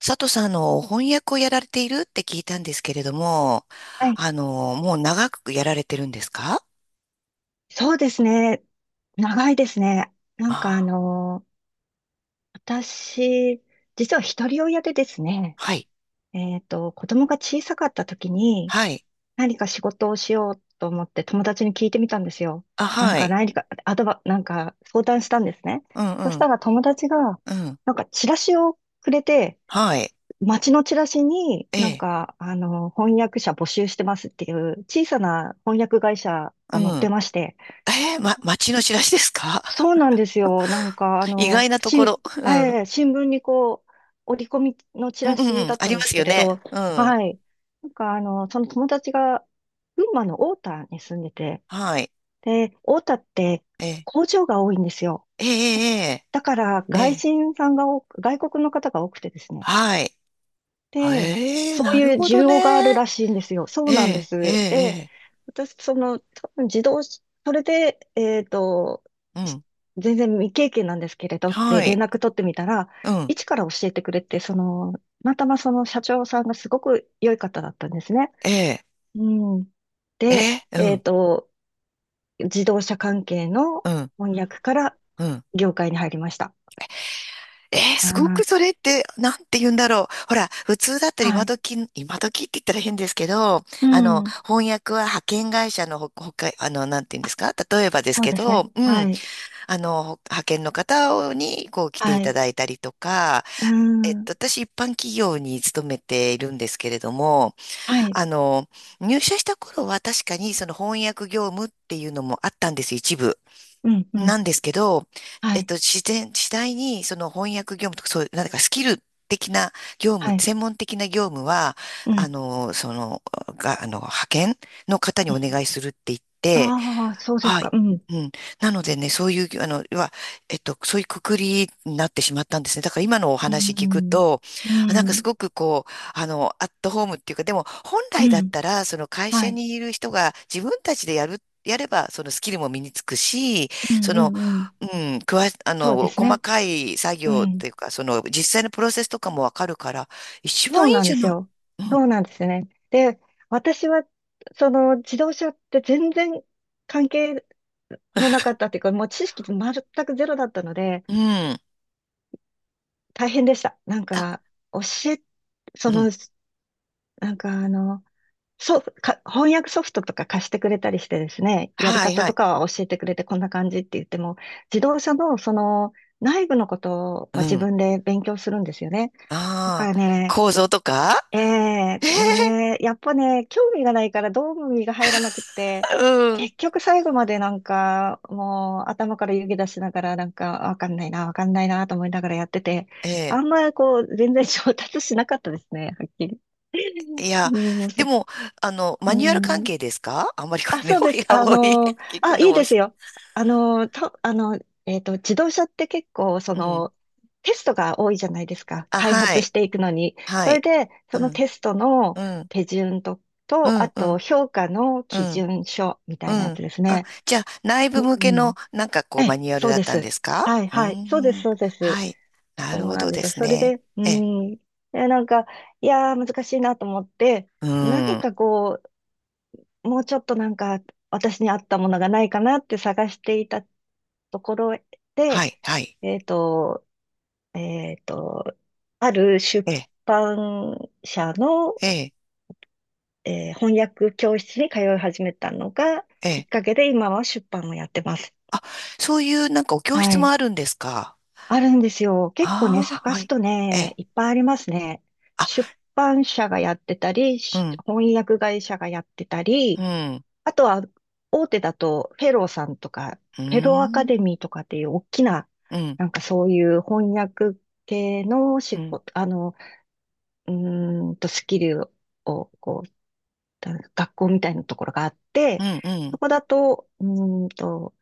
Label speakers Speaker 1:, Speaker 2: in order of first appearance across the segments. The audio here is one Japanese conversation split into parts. Speaker 1: 佐藤さん、翻訳をやられているって聞いたんですけれども、
Speaker 2: はい。
Speaker 1: もう長くやられてるんですか？
Speaker 2: そうですね。長いですね。なんかあ
Speaker 1: ああ、
Speaker 2: の、私、実は一人親でですね、
Speaker 1: はい。
Speaker 2: 子供が小さかった時に
Speaker 1: はい。
Speaker 2: 何か仕事をしようと思って友達に聞いてみたんですよ。
Speaker 1: あ、はい。
Speaker 2: 何か、アドバ、相談したんですね。
Speaker 1: うん、う
Speaker 2: そした
Speaker 1: ん、
Speaker 2: ら友達が、
Speaker 1: うん。
Speaker 2: チラシをくれて、
Speaker 1: はい。
Speaker 2: 街のチラシに
Speaker 1: ええ、
Speaker 2: 翻訳者募集してますっていう小さな翻訳会社
Speaker 1: う
Speaker 2: が載って
Speaker 1: ん。
Speaker 2: まして、
Speaker 1: え、街の知らしですか？
Speaker 2: そうなんですよ。
Speaker 1: 意外なところ。うん。
Speaker 2: 新聞にこう、折り込みのチ
Speaker 1: うん、
Speaker 2: ラ
Speaker 1: う
Speaker 2: シ
Speaker 1: ん、うん
Speaker 2: だっ
Speaker 1: あ
Speaker 2: た
Speaker 1: り
Speaker 2: ん
Speaker 1: ま
Speaker 2: です
Speaker 1: す
Speaker 2: け
Speaker 1: よ
Speaker 2: れ
Speaker 1: ね。
Speaker 2: ど、
Speaker 1: うん。
Speaker 2: はい。その友達が、群馬の太田に住んでて、
Speaker 1: はい。
Speaker 2: で、太田って
Speaker 1: ええ、
Speaker 2: 工場が多いんですよ。
Speaker 1: ええ、
Speaker 2: だから、
Speaker 1: ええ、え
Speaker 2: 外
Speaker 1: え
Speaker 2: 人さんが多く、外国の方が多くてですね。
Speaker 1: はい。
Speaker 2: で、
Speaker 1: ええ、
Speaker 2: そう
Speaker 1: なる
Speaker 2: いう
Speaker 1: ほ
Speaker 2: 需
Speaker 1: ど
Speaker 2: 要がある
Speaker 1: ね。
Speaker 2: らしいんですよ。そ
Speaker 1: え
Speaker 2: うなんで
Speaker 1: え、え
Speaker 2: す。で、
Speaker 1: え、
Speaker 2: 私、多分自動し、それで、
Speaker 1: ええう
Speaker 2: し
Speaker 1: ん。
Speaker 2: 全然未経験なんですけれどっ
Speaker 1: は
Speaker 2: て連
Speaker 1: い。
Speaker 2: 絡取ってみたら、
Speaker 1: うん。
Speaker 2: 一から教えてくれて、たまたまその社長さんがすごく良い方だったんですね。
Speaker 1: ええ、
Speaker 2: うん。
Speaker 1: え
Speaker 2: で、
Speaker 1: え、う
Speaker 2: えっ
Speaker 1: ん。
Speaker 2: と、自動車関係の
Speaker 1: うん、
Speaker 2: 翻訳から
Speaker 1: うん。
Speaker 2: 業界に入りました。
Speaker 1: えー、
Speaker 2: あ
Speaker 1: すごくそ
Speaker 2: ー、
Speaker 1: れって、なんて言うんだろう。ほら、普通だったら
Speaker 2: は
Speaker 1: 今
Speaker 2: い。
Speaker 1: 時、今時って言ったら変ですけど、
Speaker 2: うん。
Speaker 1: 翻訳は派遣会社のほか、なんて言うんで
Speaker 2: あ、
Speaker 1: すか？例えばです
Speaker 2: そう
Speaker 1: け
Speaker 2: ですね。
Speaker 1: ど、う
Speaker 2: は
Speaker 1: ん、
Speaker 2: い。
Speaker 1: あの、派遣の方に、こう、来て
Speaker 2: は
Speaker 1: いた
Speaker 2: い。
Speaker 1: だいたりとか、
Speaker 2: うん。
Speaker 1: 私、一般企業に勤めているんですけれども、
Speaker 2: はい。
Speaker 1: あの、入社した頃は確かに、その翻訳業務っていうのもあったんです、一部。
Speaker 2: うん、うん。
Speaker 1: なんですけど、
Speaker 2: はい。
Speaker 1: 次第にその翻訳業務とか、そういう、なんかスキル的な業務、
Speaker 2: はい。
Speaker 1: 専門的な業務は、
Speaker 2: う
Speaker 1: あ
Speaker 2: ん、
Speaker 1: の、その、が、あの、派遣の方に
Speaker 2: う
Speaker 1: お
Speaker 2: ん。
Speaker 1: 願いするって言って、
Speaker 2: ああ、そうです
Speaker 1: は
Speaker 2: か。
Speaker 1: い。
Speaker 2: うん。
Speaker 1: うん。なのでね、そういう、あの、要は、そういうくくりになってしまったんですね。だから今のお
Speaker 2: う
Speaker 1: 話聞く
Speaker 2: ん。
Speaker 1: と、
Speaker 2: う
Speaker 1: なんかす
Speaker 2: ん。
Speaker 1: ごくこう、アットホームっていうか、でも本
Speaker 2: う
Speaker 1: 来だっ
Speaker 2: ん。
Speaker 1: たら、その会
Speaker 2: は
Speaker 1: 社
Speaker 2: い。
Speaker 1: にいる人が自分たちでやれば、そのスキルも身につくし、
Speaker 2: う
Speaker 1: そ
Speaker 2: ん、う
Speaker 1: の、
Speaker 2: ん、うん。
Speaker 1: うん、くわ、あ
Speaker 2: そうで
Speaker 1: の、
Speaker 2: す
Speaker 1: 細
Speaker 2: ね。
Speaker 1: かい作
Speaker 2: う
Speaker 1: 業っ
Speaker 2: ん。
Speaker 1: ていうか、その、実際のプロセスとかもわかるから、一
Speaker 2: そ
Speaker 1: 番
Speaker 2: う
Speaker 1: いい
Speaker 2: なん
Speaker 1: じ
Speaker 2: で
Speaker 1: ゃ
Speaker 2: す
Speaker 1: ない。
Speaker 2: よ。
Speaker 1: う
Speaker 2: そ
Speaker 1: ん、
Speaker 2: うなんですね。で、私は、自動車って全然関係のなかったっていうか、もう知識全くゼロだったので、
Speaker 1: うん、
Speaker 2: 大変でした。なん
Speaker 1: あ、
Speaker 2: か、教え、
Speaker 1: う
Speaker 2: そ
Speaker 1: ん、
Speaker 2: の、なんかあの、そう、か、翻訳ソフトとか貸してくれたりしてですね、やり
Speaker 1: はい、
Speaker 2: 方
Speaker 1: は
Speaker 2: と
Speaker 1: い、
Speaker 2: かは教えてくれてこんな感じって言っても、自動車のその内部のこと
Speaker 1: う
Speaker 2: は自
Speaker 1: ん、
Speaker 2: 分で勉強するんですよね。だ
Speaker 1: ああ、
Speaker 2: からね、
Speaker 1: 構造とか。
Speaker 2: え え
Speaker 1: え
Speaker 2: でも
Speaker 1: え
Speaker 2: ね、やっぱね、興味がないからどうも身が入らなくって、
Speaker 1: うん。
Speaker 2: 結局最後までなんか、もう頭から湯気出しながらなんか、わかんないな、わかんないなと思いながらやってて、
Speaker 1: ええ
Speaker 2: あんまりこう、全然上達しなかったですね、はっきり。
Speaker 1: い
Speaker 2: う
Speaker 1: や、
Speaker 2: ん、面
Speaker 1: で
Speaker 2: 白い。
Speaker 1: も、
Speaker 2: う
Speaker 1: マニュアル関
Speaker 2: ん。
Speaker 1: 係ですか？ あんまりこ
Speaker 2: あ、
Speaker 1: うね、
Speaker 2: そう
Speaker 1: お
Speaker 2: です。
Speaker 1: やおい、聞く
Speaker 2: あ、
Speaker 1: の、
Speaker 2: いいですよ。あのー、と、あの、えっと、自動車って結構、
Speaker 1: うん。
Speaker 2: テストが多いじゃないですか。
Speaker 1: あ、
Speaker 2: 開
Speaker 1: は
Speaker 2: 発し
Speaker 1: い、
Speaker 2: ていくのに。
Speaker 1: は
Speaker 2: それ
Speaker 1: い。
Speaker 2: で、そ
Speaker 1: う
Speaker 2: の
Speaker 1: ん、
Speaker 2: テストの
Speaker 1: うん、
Speaker 2: 手順と、
Speaker 1: う
Speaker 2: と、あ
Speaker 1: ん、う
Speaker 2: と、
Speaker 1: ん、
Speaker 2: 評価の
Speaker 1: う
Speaker 2: 基
Speaker 1: ん、
Speaker 2: 準書みた
Speaker 1: う
Speaker 2: いなや
Speaker 1: ん。
Speaker 2: つです
Speaker 1: あ、
Speaker 2: ね。
Speaker 1: じゃあ、内
Speaker 2: う
Speaker 1: 部向けの、
Speaker 2: ん。
Speaker 1: なんかこ
Speaker 2: え
Speaker 1: う、マ
Speaker 2: え、
Speaker 1: ニュアル
Speaker 2: そう
Speaker 1: だっ
Speaker 2: で
Speaker 1: たんで
Speaker 2: す。
Speaker 1: すか？
Speaker 2: はい、
Speaker 1: うー
Speaker 2: はい。そうです、
Speaker 1: ん、
Speaker 2: そうです。
Speaker 1: はい。なる
Speaker 2: そう
Speaker 1: ほ
Speaker 2: なん
Speaker 1: ど
Speaker 2: で
Speaker 1: で
Speaker 2: すよ。
Speaker 1: す
Speaker 2: それ
Speaker 1: ね。
Speaker 2: で、う
Speaker 1: え
Speaker 2: ん。え、なんか、いやー、難しいなと思って、
Speaker 1: う
Speaker 2: 何
Speaker 1: ん。
Speaker 2: かもうちょっと私に合ったものがないかなって探していたところ
Speaker 1: は
Speaker 2: で、
Speaker 1: い、はい。
Speaker 2: えっと、えっと、ある出
Speaker 1: ええ、
Speaker 2: 版社の、
Speaker 1: え
Speaker 2: 翻訳教室に通い始めたのがきっかけで今は出版をやってます。
Speaker 1: あ、そういう、なんかお教
Speaker 2: は
Speaker 1: 室も
Speaker 2: い。
Speaker 1: あるんですか？
Speaker 2: あるんですよ。結構ね、
Speaker 1: ああー、
Speaker 2: 探
Speaker 1: は
Speaker 2: す
Speaker 1: い。
Speaker 2: と
Speaker 1: え。
Speaker 2: ね、いっぱいありますね。
Speaker 1: あ
Speaker 2: 出版社がやってたり、
Speaker 1: うん
Speaker 2: 翻訳会社がやってた
Speaker 1: う
Speaker 2: り、
Speaker 1: ん。
Speaker 2: あとは、大手だと、フェローさんとか、
Speaker 1: う
Speaker 2: フェローアカ
Speaker 1: ん。
Speaker 2: デミーとかっていう大きな、
Speaker 1: うん。
Speaker 2: そういう翻訳系の
Speaker 1: う
Speaker 2: 仕
Speaker 1: ん。
Speaker 2: 事、スキルを、学校みたいなところがあっ
Speaker 1: う
Speaker 2: て、
Speaker 1: ん。う
Speaker 2: そ
Speaker 1: ん。
Speaker 2: こだと、ーんと、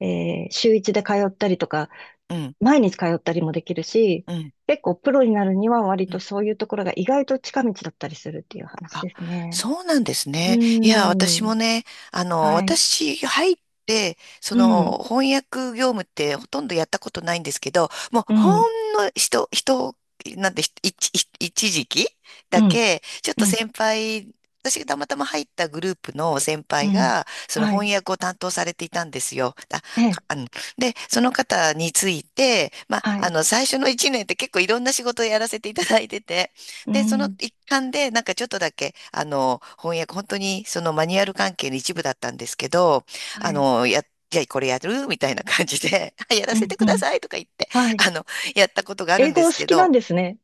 Speaker 2: 週一で通ったりとか、
Speaker 1: うん。
Speaker 2: 毎日通ったりもできるし、
Speaker 1: う
Speaker 2: 結構プロになるには割と
Speaker 1: ん。
Speaker 2: そういうところが意外と近道だったりするっていう話
Speaker 1: あ、
Speaker 2: ですね。
Speaker 1: そうなんです
Speaker 2: うー
Speaker 1: ね。いや、私も
Speaker 2: ん。
Speaker 1: ね、
Speaker 2: はい。
Speaker 1: 私入って、そ
Speaker 2: うん。
Speaker 1: の翻訳業務ってほとんどやったことないんですけど、もう
Speaker 2: う
Speaker 1: ほ
Speaker 2: ん。
Speaker 1: んのなんて、ひ一、一一時期
Speaker 2: う
Speaker 1: だ
Speaker 2: ん、
Speaker 1: け、ちょっ
Speaker 2: う
Speaker 1: と
Speaker 2: ん、
Speaker 1: 先輩、私がたまたま入ったグループの先
Speaker 2: う
Speaker 1: 輩
Speaker 2: ん。
Speaker 1: が、その
Speaker 2: はい。
Speaker 1: 翻訳を担当されていたんですよ。あ、
Speaker 2: え
Speaker 1: か
Speaker 2: え、
Speaker 1: あの、で、その方について、
Speaker 2: はい。
Speaker 1: 最初の一年って結構いろんな仕事をやらせていただいてて、
Speaker 2: う
Speaker 1: で、その
Speaker 2: ん、
Speaker 1: 一環で、なんかちょっとだけ、翻訳、本当にそのマニュアル関係の一部だったんですけど、
Speaker 2: は
Speaker 1: あ
Speaker 2: い。
Speaker 1: の、や、じゃあこれやるみたいな感じで、やら
Speaker 2: う
Speaker 1: せて
Speaker 2: ん、う
Speaker 1: くだ
Speaker 2: ん。
Speaker 1: さいとか言って、
Speaker 2: はい。
Speaker 1: あの、やったことがある
Speaker 2: 英
Speaker 1: ん
Speaker 2: 語
Speaker 1: で
Speaker 2: お
Speaker 1: す
Speaker 2: 好
Speaker 1: け
Speaker 2: きな
Speaker 1: ど、
Speaker 2: んですね。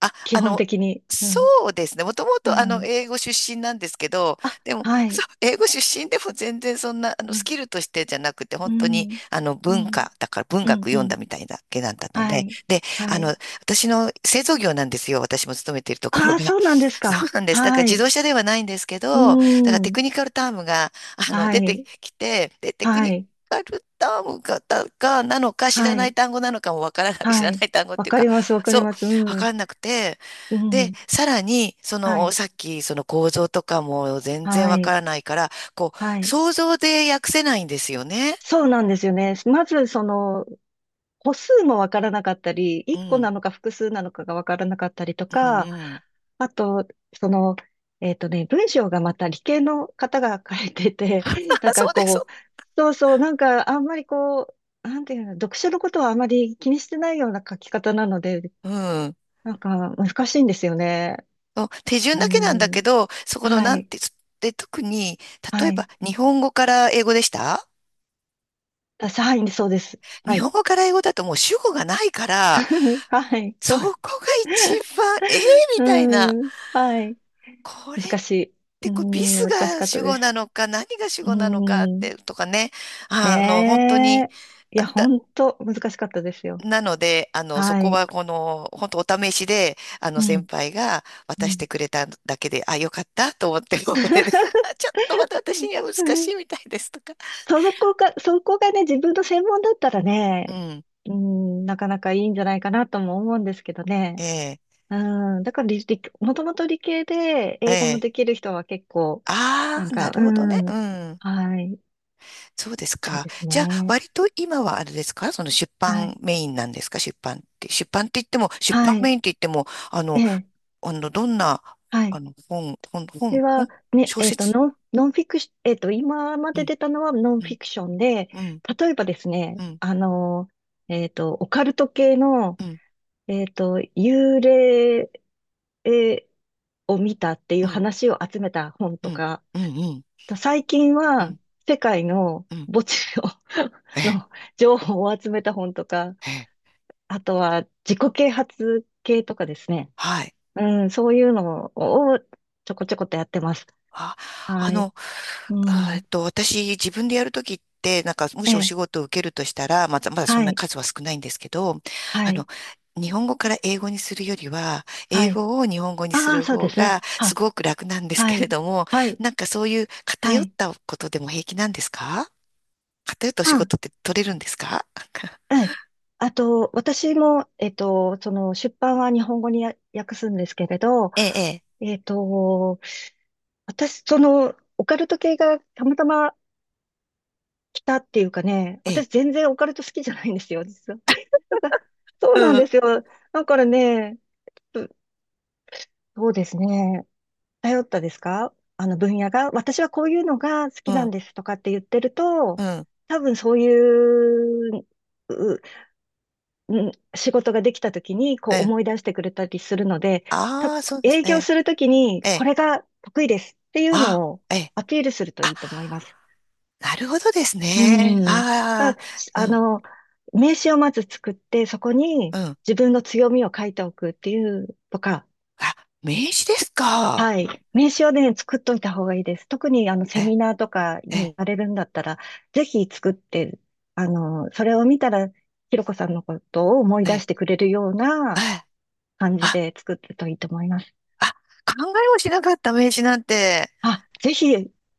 Speaker 1: あ、
Speaker 2: 基
Speaker 1: あ
Speaker 2: 本
Speaker 1: の、
Speaker 2: 的に。う
Speaker 1: そ
Speaker 2: ん、
Speaker 1: うですね。もとも
Speaker 2: う
Speaker 1: と、
Speaker 2: ん。
Speaker 1: 英語出身なんですけど、
Speaker 2: あ、
Speaker 1: でも、
Speaker 2: は
Speaker 1: そう、
Speaker 2: い。
Speaker 1: 英語出身でも全然そんな、
Speaker 2: う
Speaker 1: ス
Speaker 2: ん、
Speaker 1: キルとしてじゃなくて、
Speaker 2: う
Speaker 1: 本当に、
Speaker 2: ん、うん、
Speaker 1: だから文
Speaker 2: う
Speaker 1: 学
Speaker 2: ん。う
Speaker 1: 読んだ
Speaker 2: ん。
Speaker 1: みたいだけだったの
Speaker 2: は
Speaker 1: で、
Speaker 2: い。
Speaker 1: で、
Speaker 2: は
Speaker 1: あの、
Speaker 2: い。
Speaker 1: 私の製造業なんですよ。私も勤めているところ
Speaker 2: ああ、
Speaker 1: が。
Speaker 2: そうなんです
Speaker 1: そ
Speaker 2: か。
Speaker 1: うなんです。だから
Speaker 2: は
Speaker 1: 自
Speaker 2: い。
Speaker 1: 動車ではないんですけ
Speaker 2: う
Speaker 1: ど、だからテ
Speaker 2: ん。
Speaker 1: クニカルタームが、
Speaker 2: は
Speaker 1: 出て
Speaker 2: い。
Speaker 1: きて、で、テク
Speaker 2: は
Speaker 1: ニ
Speaker 2: い。
Speaker 1: カルタームが、だがなのか、知ら
Speaker 2: は
Speaker 1: な
Speaker 2: い。
Speaker 1: い単語なのかもわからない、知
Speaker 2: は
Speaker 1: らな
Speaker 2: い。
Speaker 1: い単語っ
Speaker 2: わ
Speaker 1: ていう
Speaker 2: か
Speaker 1: か、
Speaker 2: ります、わかり
Speaker 1: そう、
Speaker 2: ます。う
Speaker 1: わ
Speaker 2: ん。
Speaker 1: かんなくて、
Speaker 2: う
Speaker 1: で、
Speaker 2: ん。
Speaker 1: さらに、そ
Speaker 2: は
Speaker 1: の、
Speaker 2: い。
Speaker 1: さっき、その構造とかも全然
Speaker 2: は
Speaker 1: わか
Speaker 2: い。
Speaker 1: らないから、こ
Speaker 2: は
Speaker 1: う、
Speaker 2: い。
Speaker 1: 想像で訳せないんですよね。
Speaker 2: そうなんですよね。まず、歩数もわからなかったり、
Speaker 1: う
Speaker 2: 1個
Speaker 1: ん、
Speaker 2: なのか複数なのかがわからなかったりと
Speaker 1: うん、
Speaker 2: か、
Speaker 1: うん。
Speaker 2: あと、その、文章がまた理系の方が書いてて、
Speaker 1: そうです、そ
Speaker 2: そうそう、あんまりなんていうの、読書のことはあまり気にしてないような書き方なので、
Speaker 1: う。うん。
Speaker 2: なんか難しいんですよね。
Speaker 1: そう手順
Speaker 2: う
Speaker 1: だけなんだけ
Speaker 2: ん、
Speaker 1: ど、そこの
Speaker 2: は
Speaker 1: なん
Speaker 2: い、
Speaker 1: て、で、特に、例
Speaker 2: は
Speaker 1: えば
Speaker 2: い。私、はい、そうです。は
Speaker 1: 日本
Speaker 2: い。
Speaker 1: 語から英語だともう主語がないから、
Speaker 2: はい、そ
Speaker 1: そ
Speaker 2: う。
Speaker 1: こが一番、ええみ
Speaker 2: う
Speaker 1: たいな、
Speaker 2: ん、はい。
Speaker 1: これっ
Speaker 2: 難しい。うー
Speaker 1: てこうビ
Speaker 2: ん、
Speaker 1: ス
Speaker 2: 難し
Speaker 1: が
Speaker 2: かった
Speaker 1: 主
Speaker 2: で
Speaker 1: 語
Speaker 2: す。
Speaker 1: なのか、何が主
Speaker 2: う
Speaker 1: 語なのかっ
Speaker 2: ーん。
Speaker 1: て、とかね、本当に、
Speaker 2: ねえ。いや、ほんと難しかったですよ。
Speaker 1: なので、そ
Speaker 2: は
Speaker 1: こ
Speaker 2: い。
Speaker 1: はこの、本当お試しで、
Speaker 2: う
Speaker 1: 先
Speaker 2: ん。
Speaker 1: 輩が渡
Speaker 2: う
Speaker 1: して
Speaker 2: ん。
Speaker 1: くれただけで、あ、よかったと思って、もうこれで、あ ちょっとまだ私には難
Speaker 2: う
Speaker 1: し
Speaker 2: ん。
Speaker 1: いみたいですとか。
Speaker 2: そこがね、自分の専門だったら
Speaker 1: う
Speaker 2: ね、
Speaker 1: ん。
Speaker 2: うん、なかなかいいんじゃないかなとも思うんですけど
Speaker 1: え
Speaker 2: ね。
Speaker 1: え、
Speaker 2: うん、だからもともと理系で
Speaker 1: え
Speaker 2: 英語も
Speaker 1: え。
Speaker 2: できる人は結構、な
Speaker 1: あ
Speaker 2: ん
Speaker 1: あ、な
Speaker 2: か、う
Speaker 1: るほどね。う
Speaker 2: ん、
Speaker 1: ん。
Speaker 2: はい、み
Speaker 1: そうです
Speaker 2: たい
Speaker 1: か。
Speaker 2: です
Speaker 1: じゃあ、
Speaker 2: ね。
Speaker 1: 割と今はあれですか？その出
Speaker 2: は
Speaker 1: 版
Speaker 2: い、
Speaker 1: メインなんですか？出版って。出版って言っても、出版
Speaker 2: は
Speaker 1: メ
Speaker 2: い、
Speaker 1: インって言っても、あ
Speaker 2: え
Speaker 1: の、
Speaker 2: え、
Speaker 1: どんな、
Speaker 2: は
Speaker 1: あ
Speaker 2: い。
Speaker 1: の、本、本、
Speaker 2: これ
Speaker 1: 本、
Speaker 2: は、
Speaker 1: 本、
Speaker 2: ね、
Speaker 1: 小
Speaker 2: えっと、
Speaker 1: 説。
Speaker 2: ノン、ノンフィクシ、えっと、今ま
Speaker 1: う
Speaker 2: で
Speaker 1: ん、
Speaker 2: 出たのはノン
Speaker 1: う
Speaker 2: フィ
Speaker 1: ん、
Speaker 2: クションで、
Speaker 1: うん、
Speaker 2: 例えばです
Speaker 1: う
Speaker 2: ね、
Speaker 1: ん、
Speaker 2: オカルト系の、
Speaker 1: うん。
Speaker 2: 幽霊えーを見たってい
Speaker 1: う
Speaker 2: う
Speaker 1: ん
Speaker 2: 話を集めた本
Speaker 1: う
Speaker 2: と
Speaker 1: ん、
Speaker 2: か、
Speaker 1: うん、うん、
Speaker 2: と最近
Speaker 1: う
Speaker 2: は
Speaker 1: ん、
Speaker 2: 世界の
Speaker 1: うん。
Speaker 2: 墓地の
Speaker 1: え え、
Speaker 2: の情報を集めた本とか、
Speaker 1: ええ、
Speaker 2: あとは自己啓発系とかですね。
Speaker 1: はい。
Speaker 2: うん、そういうのをちょこちょこっとやってます。
Speaker 1: あ、あ
Speaker 2: はい。
Speaker 1: の、
Speaker 2: う
Speaker 1: あえっ
Speaker 2: ん。
Speaker 1: と、私、自分でやるときって、なんか、も
Speaker 2: え
Speaker 1: しお仕
Speaker 2: え、
Speaker 1: 事を受けるとしたら、まだ、まだそ
Speaker 2: は
Speaker 1: んな
Speaker 2: い、
Speaker 1: 数は少ないんですけど、
Speaker 2: は
Speaker 1: あの、
Speaker 2: い、
Speaker 1: 日本語から英語にするよりは、
Speaker 2: は
Speaker 1: 英
Speaker 2: い。
Speaker 1: 語を日本語にす
Speaker 2: ああ、
Speaker 1: る
Speaker 2: そうで
Speaker 1: 方
Speaker 2: すね。
Speaker 1: が、す
Speaker 2: は、
Speaker 1: ごく楽なんです
Speaker 2: は
Speaker 1: けれ
Speaker 2: い、
Speaker 1: ども、
Speaker 2: はい、
Speaker 1: なんかそういう
Speaker 2: は
Speaker 1: 偏っ
Speaker 2: い。
Speaker 1: たことでも平気なんですか？偏ったお仕
Speaker 2: うん、
Speaker 1: 事って取れるんですか？
Speaker 2: ええ。あと、私も、出版は日本語に訳すんですけれど、
Speaker 1: ええ、
Speaker 2: えっと、私、オカルト系がたまたま来たっていうかね、
Speaker 1: ええ、ええ、
Speaker 2: 私全然オカルト好きじゃないんですよ、実は。なんか、そう
Speaker 1: う
Speaker 2: なんで
Speaker 1: ん、
Speaker 2: すよ。だからね、そうですね。頼ったですかあの分野が、私はこういうのが好
Speaker 1: う
Speaker 2: きなん
Speaker 1: ん、
Speaker 2: ですとかって言ってると、
Speaker 1: うん、
Speaker 2: 多分そういう、う、うん仕事ができた時にこ
Speaker 1: え
Speaker 2: う
Speaker 1: え。
Speaker 2: 思い出してくれたりするので、た、
Speaker 1: ああ、そうです
Speaker 2: 営業
Speaker 1: ね。
Speaker 2: するときに
Speaker 1: え
Speaker 2: こ
Speaker 1: え
Speaker 2: れが得意ですっていう
Speaker 1: あ、
Speaker 2: のを
Speaker 1: ええ。
Speaker 2: アピールするとい
Speaker 1: あ、
Speaker 2: いと思います。
Speaker 1: なるほどです
Speaker 2: う
Speaker 1: ね。
Speaker 2: ん。まあ、
Speaker 1: あ
Speaker 2: しあ
Speaker 1: あ、
Speaker 2: の、名刺をまず作って、そこに
Speaker 1: うん、うん。
Speaker 2: 自分の強みを書いておくっていうとか、
Speaker 1: あ、名刺ですか？
Speaker 2: はい。名刺をね、作っといた方がいいです。特にあの
Speaker 1: え、
Speaker 2: セミナーとかに
Speaker 1: え、
Speaker 2: 行かれるんだったら、ぜひ作って、それを見たら、ひろこさんのことを思い
Speaker 1: え、
Speaker 2: 出
Speaker 1: え、
Speaker 2: してくれるような
Speaker 1: あ、
Speaker 2: 感じ
Speaker 1: あ、
Speaker 2: で作ってるといいと思います。
Speaker 1: あ考えもしなかった名刺なんて。
Speaker 2: あ、ぜひ、ぜ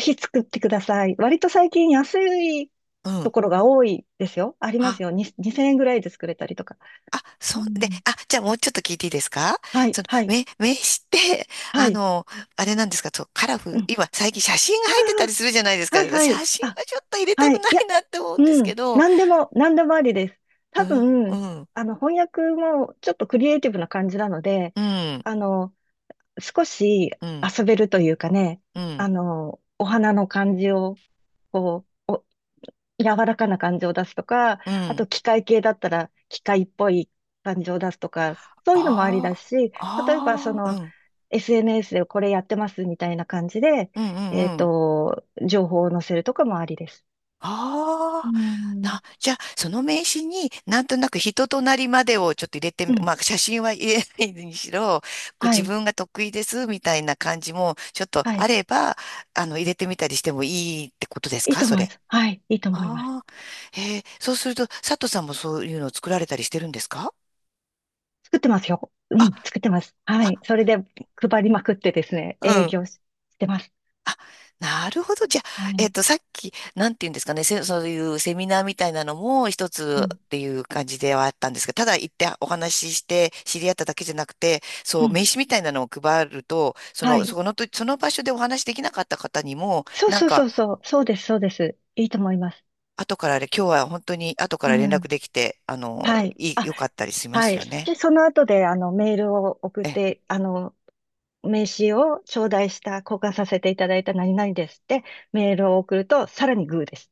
Speaker 2: ひ作ってください。割と最近安い
Speaker 1: う
Speaker 2: と
Speaker 1: ん。
Speaker 2: ころが多いですよ。あります
Speaker 1: あ、
Speaker 2: よ。に2000円ぐらいで作れたりとか。
Speaker 1: あ、
Speaker 2: う
Speaker 1: そう、で、
Speaker 2: ん。
Speaker 1: あ、じゃあもうちょっと聞いていいですか？
Speaker 2: は
Speaker 1: そ
Speaker 2: い、
Speaker 1: の、
Speaker 2: はい、
Speaker 1: 名刺って、
Speaker 2: は
Speaker 1: あ
Speaker 2: い。
Speaker 1: の、あれなんですか、そう、カラフ
Speaker 2: う
Speaker 1: ル、
Speaker 2: ん。
Speaker 1: 今、最近写真が
Speaker 2: あ
Speaker 1: 入ってたりするじゃないです
Speaker 2: あ、
Speaker 1: か。
Speaker 2: はい、は
Speaker 1: 写
Speaker 2: い。
Speaker 1: 真
Speaker 2: あ、
Speaker 1: はちょっと入れたく
Speaker 2: はい。
Speaker 1: な
Speaker 2: い
Speaker 1: い
Speaker 2: や、
Speaker 1: なって思うんです
Speaker 2: う
Speaker 1: け
Speaker 2: ん。
Speaker 1: ど。
Speaker 2: 何でもありです。
Speaker 1: う
Speaker 2: 多
Speaker 1: ん、う
Speaker 2: 分、
Speaker 1: ん、
Speaker 2: 翻訳もちょっとクリエイティブな感じなので、
Speaker 1: うん、
Speaker 2: あの、少し
Speaker 1: うん、
Speaker 2: 遊べるというかね、
Speaker 1: うん、
Speaker 2: お花の感じを、こう、お、柔らかな感じを出すとか、
Speaker 1: う
Speaker 2: あ
Speaker 1: ん。
Speaker 2: と機械系だったら機械っぽい感じを出すとか、そういうのもありだ
Speaker 1: あ
Speaker 2: し、例えば
Speaker 1: あ、ああ、うん、
Speaker 2: SNS でこれやってますみたいな感じで、
Speaker 1: うんうんうん。
Speaker 2: 情報を載せるとかもありです。う
Speaker 1: ああ、
Speaker 2: ん
Speaker 1: じゃあ、その名刺になんとなく人となりまでをちょっと入れてみ、
Speaker 2: うん。
Speaker 1: まあ、写真は入れないにしろ、こう
Speaker 2: は
Speaker 1: 自
Speaker 2: い。
Speaker 1: 分が得意ですみたいな感じもちょっと
Speaker 2: は
Speaker 1: あ
Speaker 2: い。
Speaker 1: れば、入れてみたりしてもいいってことです
Speaker 2: いい
Speaker 1: か、
Speaker 2: と
Speaker 1: そ
Speaker 2: 思いま
Speaker 1: れ。
Speaker 2: す。はい。いいと思います。
Speaker 1: ああ、へえ、そうすると、佐藤さんもそういうのを作られたりしてるんですか？
Speaker 2: 作ってますよ。うん。
Speaker 1: あ、
Speaker 2: 作ってます。はい。それで配りまくってですね、営
Speaker 1: あ、
Speaker 2: 業してます。
Speaker 1: あなるほど。じゃあ、
Speaker 2: は
Speaker 1: えっ
Speaker 2: い。
Speaker 1: と、さっき、なんて言うんですかね、そういうセミナーみたいなのも一
Speaker 2: う
Speaker 1: つっ
Speaker 2: ん。
Speaker 1: ていう感じではあったんですが、ただ行ってお話しして知り合っただけじゃなくて、
Speaker 2: う
Speaker 1: そう、
Speaker 2: ん。
Speaker 1: 名刺みたいなのを配ると、
Speaker 2: はい。
Speaker 1: その場所でお話しできなかった方にも、
Speaker 2: そう
Speaker 1: なん
Speaker 2: そうそ
Speaker 1: か、
Speaker 2: うそう。そうです。そうです。いいと思います。
Speaker 1: 後からあれ、今日は本当に後か
Speaker 2: う
Speaker 1: ら連絡
Speaker 2: ん。
Speaker 1: できて、あの、
Speaker 2: はい。
Speaker 1: いい、
Speaker 2: あ、
Speaker 1: 良かったりしま
Speaker 2: は
Speaker 1: す
Speaker 2: い。
Speaker 1: よね。
Speaker 2: で、その後で、メールを送っ
Speaker 1: ええ
Speaker 2: て、名刺を頂戴した、交換させていただいた何々ですって、メールを送ると、さらにグーです。